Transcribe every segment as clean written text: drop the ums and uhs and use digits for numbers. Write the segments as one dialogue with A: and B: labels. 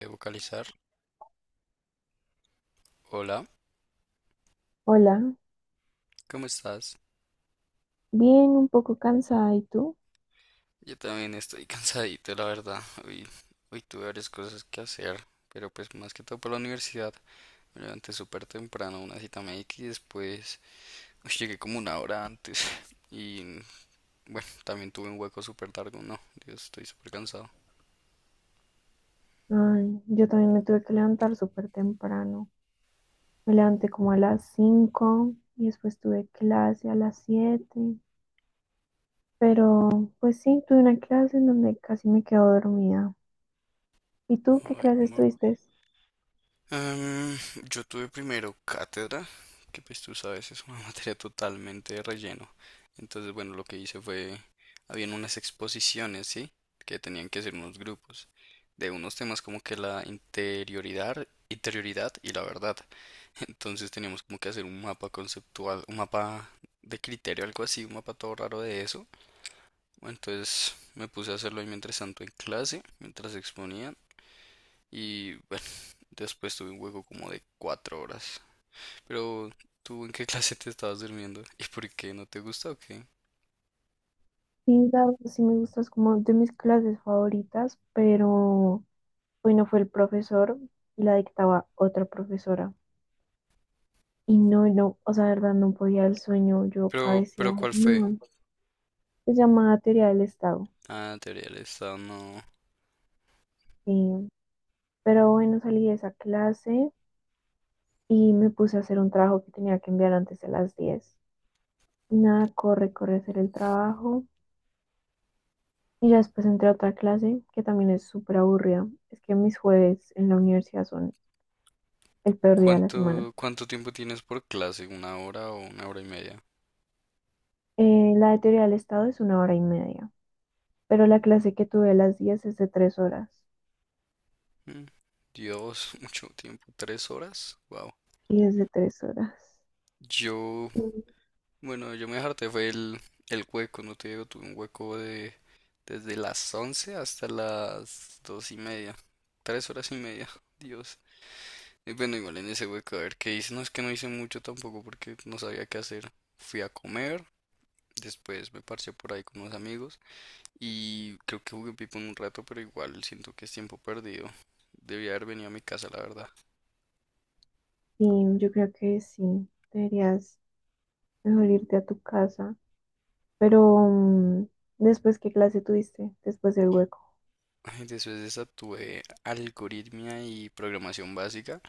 A: De vocalizar. Hola,
B: Hola,
A: ¿cómo estás?
B: bien, un poco cansada, ¿y tú?
A: Yo también estoy cansadito, la verdad. Hoy tuve varias cosas que hacer, pero pues más que todo por la universidad. Me levanté súper temprano, una cita médica y después uy, llegué como una hora antes. Y bueno, también tuve un hueco súper largo. No, Dios, estoy súper cansado.
B: Ay, yo también me tuve que levantar súper temprano. Me levanté como a las 5 y después tuve clase a las 7. Pero, pues sí, tuve una clase en donde casi me quedo dormida. ¿Y tú qué
A: Ay,
B: clases tuviste?
A: Am, yo tuve primero cátedra, que pues tú sabes, es una materia totalmente de relleno. Entonces, bueno, lo que hice fue, habían unas exposiciones, ¿sí? Que tenían que ser unos grupos de unos temas como que la interioridad, interioridad y la verdad. Entonces teníamos como que hacer un mapa conceptual, un mapa de criterio, algo así, un mapa todo raro de eso. Entonces me puse a hacerlo ahí mientras tanto en clase, mientras exponía y bueno, después tuve un hueco como de cuatro horas. Pero, ¿tú en qué clase te estabas durmiendo? ¿Y por qué? ¿No te gusta o qué?
B: Sí, la verdad, sí me gustas como de mis clases favoritas, pero hoy no fue el profesor, la dictaba otra profesora. Y no, o sea, la verdad no podía el sueño, yo
A: Pero
B: cabeceaba.
A: ¿cuál fue?
B: No. Se llamaba teoría del Estado.
A: Ah, teoría del Estado, no.
B: eh, pero bueno, salí de esa clase y me puse a hacer un trabajo que tenía que enviar antes de las diez. Y nada, corre, corre a hacer el trabajo. Y ya después entré a otra clase que también es súper aburrida. Es que mis jueves en la universidad son el peor día de la semana.
A: ¿Cuánto tiempo tienes por clase? ¿Una hora o una hora y media?
B: La de teoría del Estado es una hora y media, pero la clase que tuve a las 10 es de tres horas.
A: Mm, Dios, mucho tiempo. ¿Tres horas? Wow.
B: Y es de tres horas.
A: Yo,
B: Y
A: bueno, yo me harté fue el hueco, no te digo, tuve un hueco de desde las 11 hasta las dos y media. Tres horas y media. Dios. Y bueno, igual en ese hueco, a ver qué hice. No es que no hice mucho tampoco porque no sabía qué hacer. Fui a comer, después me parché por ahí con unos amigos y creo que jugué Pipo un rato, pero igual siento que es tiempo perdido. Debía haber venido a mi casa, la verdad.
B: sí, yo creo que sí, deberías mejor irte a tu casa. Pero, ¿después qué clase tuviste? Después del hueco.
A: Después de esa tuve algoritmia y programación básica.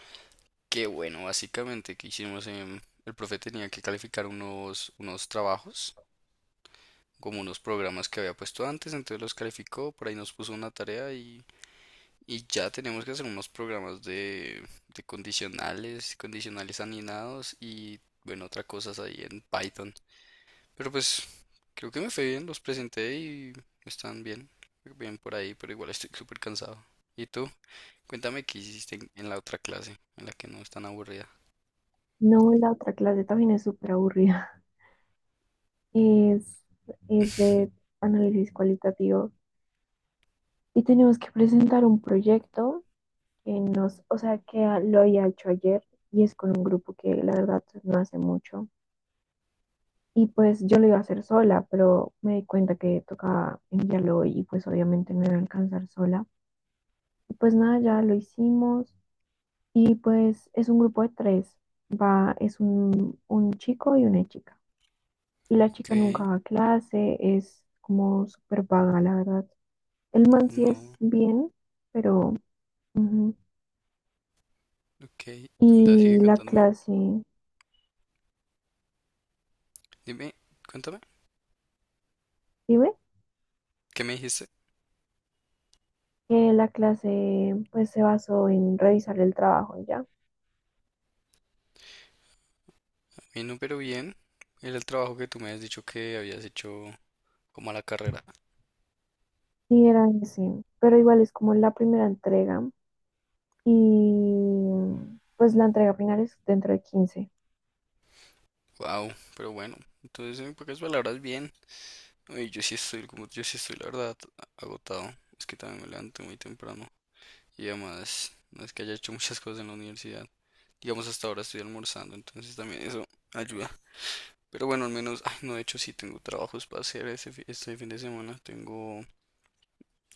A: Que bueno, básicamente que hicimos en... El profe tenía que calificar unos trabajos, como unos programas que había puesto antes, entonces los calificó, por ahí nos puso una tarea y ya tenemos que hacer unos programas de condicionales, condicionales anidados y bueno, otras cosas ahí en Python. Pero pues creo que me fue bien, los presenté y están bien, bien por ahí, pero igual estoy súper cansado. ¿Y tú? Cuéntame qué hiciste en la otra clase, en la que no es tan aburrida.
B: No, la otra clase también es súper aburrida. Es, es de análisis cualitativo. Y tenemos que presentar un proyecto que nos, o sea, que lo había hecho ayer, y es con un grupo que la verdad no hace mucho. Y pues yo lo iba a hacer sola, pero me di cuenta que tocaba enviarlo hoy y pues obviamente no iba a alcanzar sola. Y pues nada, ya lo hicimos. Y pues es un grupo de tres. Va, es un chico y una chica. Y la
A: Ok,
B: chica nunca va a clase, es como súper vaga, la verdad. El man sí
A: no,
B: es bien, pero... ujú.
A: ok. Cuenta,
B: Y
A: sigue
B: la
A: contándome.
B: clase,
A: Dime, cuéntame,
B: ¿sí ve?
A: ¿qué me dijiste?
B: La clase pues se basó en revisar el trabajo y ya.
A: Mi número bien, era el trabajo que tú me has dicho que habías hecho como a la carrera.
B: Sí era ese, pero igual es como la primera entrega. Y pues la entrega final es dentro de quince.
A: Wow, pero bueno, entonces en pocas palabras bien. Oye, yo sí estoy, como yo sí estoy la verdad agotado. Es que también me levanto muy temprano y además no es que haya hecho muchas cosas en la universidad. Digamos hasta ahora estoy almorzando, entonces también eso ayuda. Pero bueno, al menos, ay, no, de hecho sí tengo trabajos para hacer ese, este fin de semana. Tengo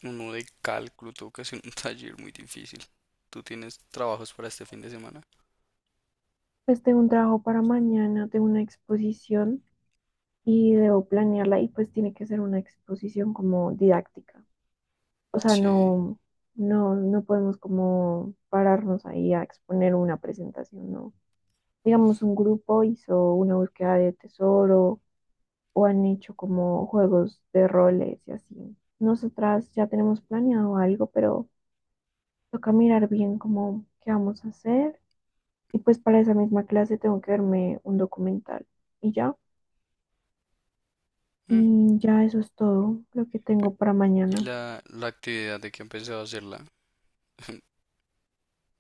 A: uno de cálculo, tengo que hacer un taller muy difícil. ¿Tú tienes trabajos para este fin de semana?
B: Pues tengo un trabajo para mañana, tengo una exposición y debo planearla y pues tiene que ser una exposición como didáctica. O sea,
A: Sí.
B: no podemos como pararnos ahí a exponer una presentación, ¿no? Digamos, un grupo hizo una búsqueda de tesoro o han hecho como juegos de roles y así. Nosotras ya tenemos planeado algo, pero toca mirar bien cómo qué vamos a hacer. Y pues para esa misma clase tengo que verme un documental y ya.
A: Mm,
B: Y ya eso es todo lo que
A: pe-
B: tengo para
A: ¿Y
B: mañana.
A: la actividad de que empezado a hacerla?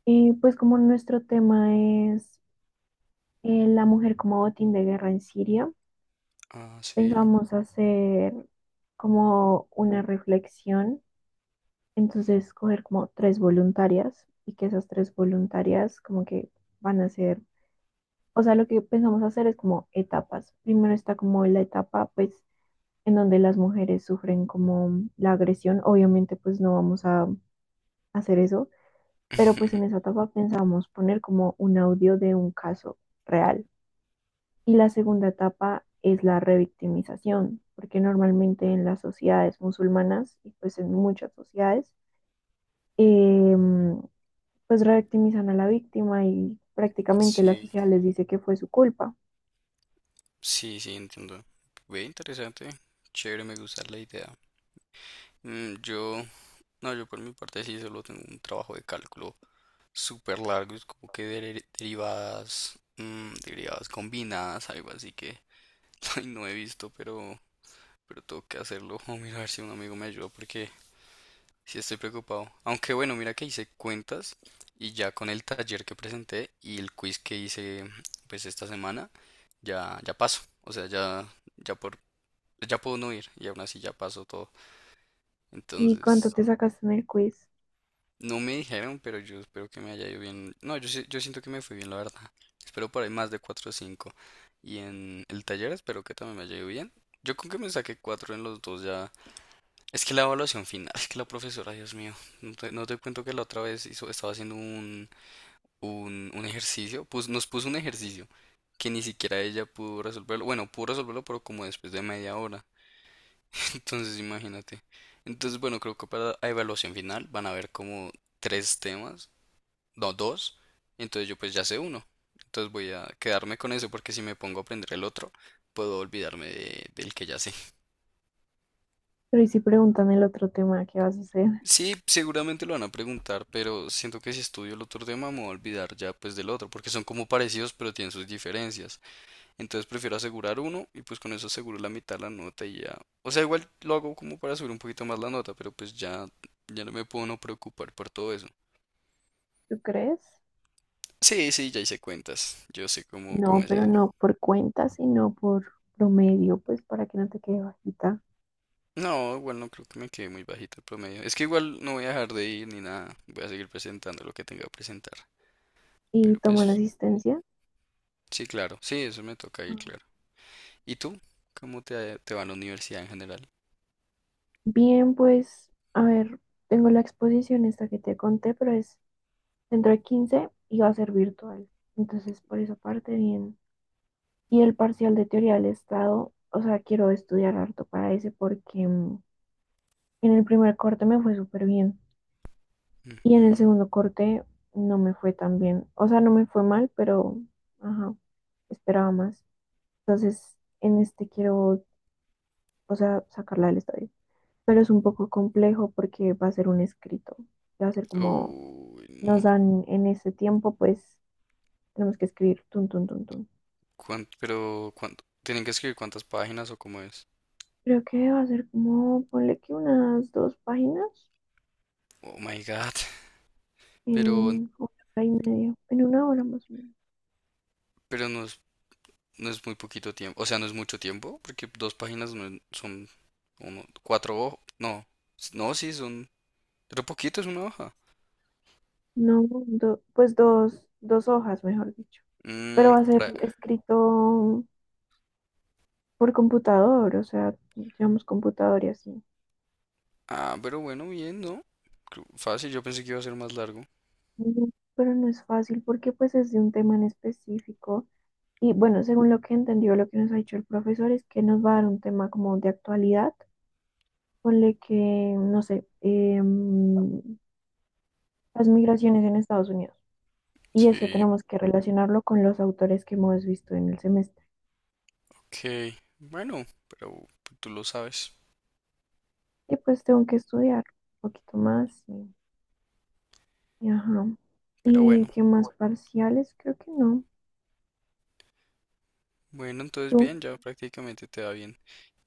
B: Pues como nuestro tema es la mujer como botín de guerra en Siria,
A: Ah, sí.
B: pensamos hacer como una reflexión, entonces coger como tres voluntarias y que esas tres voluntarias como que van a ser, o sea, lo que pensamos hacer es como etapas. Primero está como la etapa pues en donde las mujeres sufren como la agresión, obviamente pues no vamos a hacer eso, pero pues en esa etapa pensamos poner como un audio de un caso real. Y la segunda etapa es la revictimización, porque normalmente en las sociedades musulmanas y pues en muchas sociedades, em, pues revictimizan a la víctima y prácticamente la
A: Sí,
B: sociedad les dice que fue su culpa.
A: sí, sí, entiendo. Ve interesante, chévere, me gusta la idea. Mm, yo, no, yo por mi parte sí solo tengo un trabajo de cálculo súper largo, es como que derivadas, mm, derivadas combinadas, algo así que ay, no he visto, pero tengo que hacerlo. Mira, a ver si un amigo me ayuda porque sí estoy preocupado. Aunque bueno, mira que hice cuentas y ya con el taller que presenté y el quiz que hice pues esta semana, ya, ya paso. O sea, ya, ya por ya puedo no ir y aún así ya pasó todo.
B: ¿Y cuánto
A: Entonces,
B: te sacaste en el quiz?
A: no me dijeron, pero yo espero que me haya ido bien. No, yo, yo siento que me fue bien, la verdad. Espero por ahí más de 4 o cinco. Y en el taller espero que también me haya ido bien. Yo con que me saqué 4 en los dos ya. Es que la evaluación final, es que la profesora, Dios mío, no te cuento que la otra vez hizo, estaba haciendo un ejercicio, pues nos puso un ejercicio que ni siquiera ella pudo resolverlo. Bueno, pudo resolverlo, pero como después de media hora. Entonces, imagínate. Entonces, bueno, creo que para la evaluación final van a haber como tres temas, no, dos. Entonces yo pues ya sé uno. Entonces voy a quedarme con eso porque si me pongo a aprender el otro, puedo olvidarme del que ya sé.
B: Pero y si preguntan el otro tema, ¿qué vas a hacer?
A: Sí, seguramente lo van a preguntar, pero siento que si estudio el otro tema me voy a olvidar ya pues del otro, porque son como parecidos pero tienen sus diferencias. Entonces prefiero asegurar uno y pues con eso aseguro la mitad de la nota y ya. O sea, igual lo hago como para subir un poquito más la nota, pero pues ya, ya no me puedo no preocupar por todo eso.
B: ¿Tú crees?
A: Sí, sí, ya hice cuentas. Yo sé cómo
B: No,
A: es
B: pero
A: eso.
B: no por cuenta, sino por promedio, pues para que no te quede bajita.
A: No, igual no creo que me quede muy bajito el promedio. Es que igual no voy a dejar de ir ni nada. Voy a seguir presentando lo que tenga que presentar.
B: ¿Y
A: Pero
B: toman
A: pues,
B: asistencia?
A: sí, claro. Sí, eso me toca ir, claro. ¿Y tú? ¿Cómo te va a la universidad en general?
B: Bien, pues, a ver, tengo la exposición esta que te conté, pero es dentro de 15 y va a ser virtual. Entonces, por esa parte, bien. Y el parcial de teoría del Estado, o sea, quiero estudiar harto para ese porque en el primer corte me fue súper bien y en el
A: Ujú.
B: segundo corte no me fue tan bien. O sea, no me fue mal, pero, ajá, esperaba más. Entonces, en este quiero, o sea, sacarla del estadio. Pero es un poco complejo porque va a ser un escrito. Va a ser como
A: Uy,
B: nos
A: no.
B: dan en ese tiempo, pues tenemos que escribir tun, tun, tun, tun.
A: Pero cuánto, tienen que escribir cuántas páginas o cómo es.
B: Creo que va a ser como, ponle que unas dos páginas
A: Oh my God.
B: en
A: Pero,
B: una hora y media, en una hora más o menos.
A: pero no no es muy poquito tiempo. O sea, no es mucho tiempo, porque dos páginas no es- son uno, cuatro hojas. No, s- no, sí, son. Pero poquito es una hoja.
B: No, pues dos hojas, mejor dicho. Pero
A: Mm,
B: va a ser
A: para-
B: escrito por computador, o sea, llevamos computador y así.
A: Ah, pero bueno, bien, ¿no? Creo- Fácil, yo pensé que iba a ser más largo.
B: Mm. Pero no es fácil porque pues es de un tema en específico. Y bueno, según lo que entendió, lo que nos ha dicho el profesor es que nos va a dar un tema como de actualidad. Ponle que, no sé, las migraciones en Estados Unidos. Y eso
A: Sí,
B: tenemos que relacionarlo con los autores que hemos visto en el semestre.
A: ok. Bueno, pero tú lo sabes.
B: Y pues tengo que estudiar un poquito más. Y ajá.
A: Pero
B: ¿Y
A: bueno.
B: qué más parciales? Creo que no.
A: Bueno, entonces
B: Tú,
A: bien, ya prácticamente te va bien.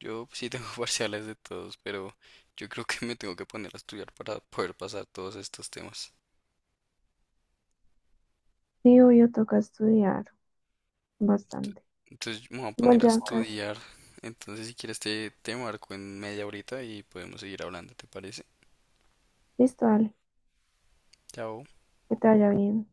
A: Yo sí tengo parciales de todos, pero yo creo que me tengo que poner a estudiar para poder pasar todos estos temas.
B: sí, yo toca estudiar
A: Ent-
B: bastante.
A: Entonces me voy a
B: Igual
A: poner a
B: ya casi.
A: estudiar. Entonces si quieres te marco en media horita y podemos seguir hablando, ¿te parece?
B: Listo, dale.
A: Chao.
B: Que te vaya bien.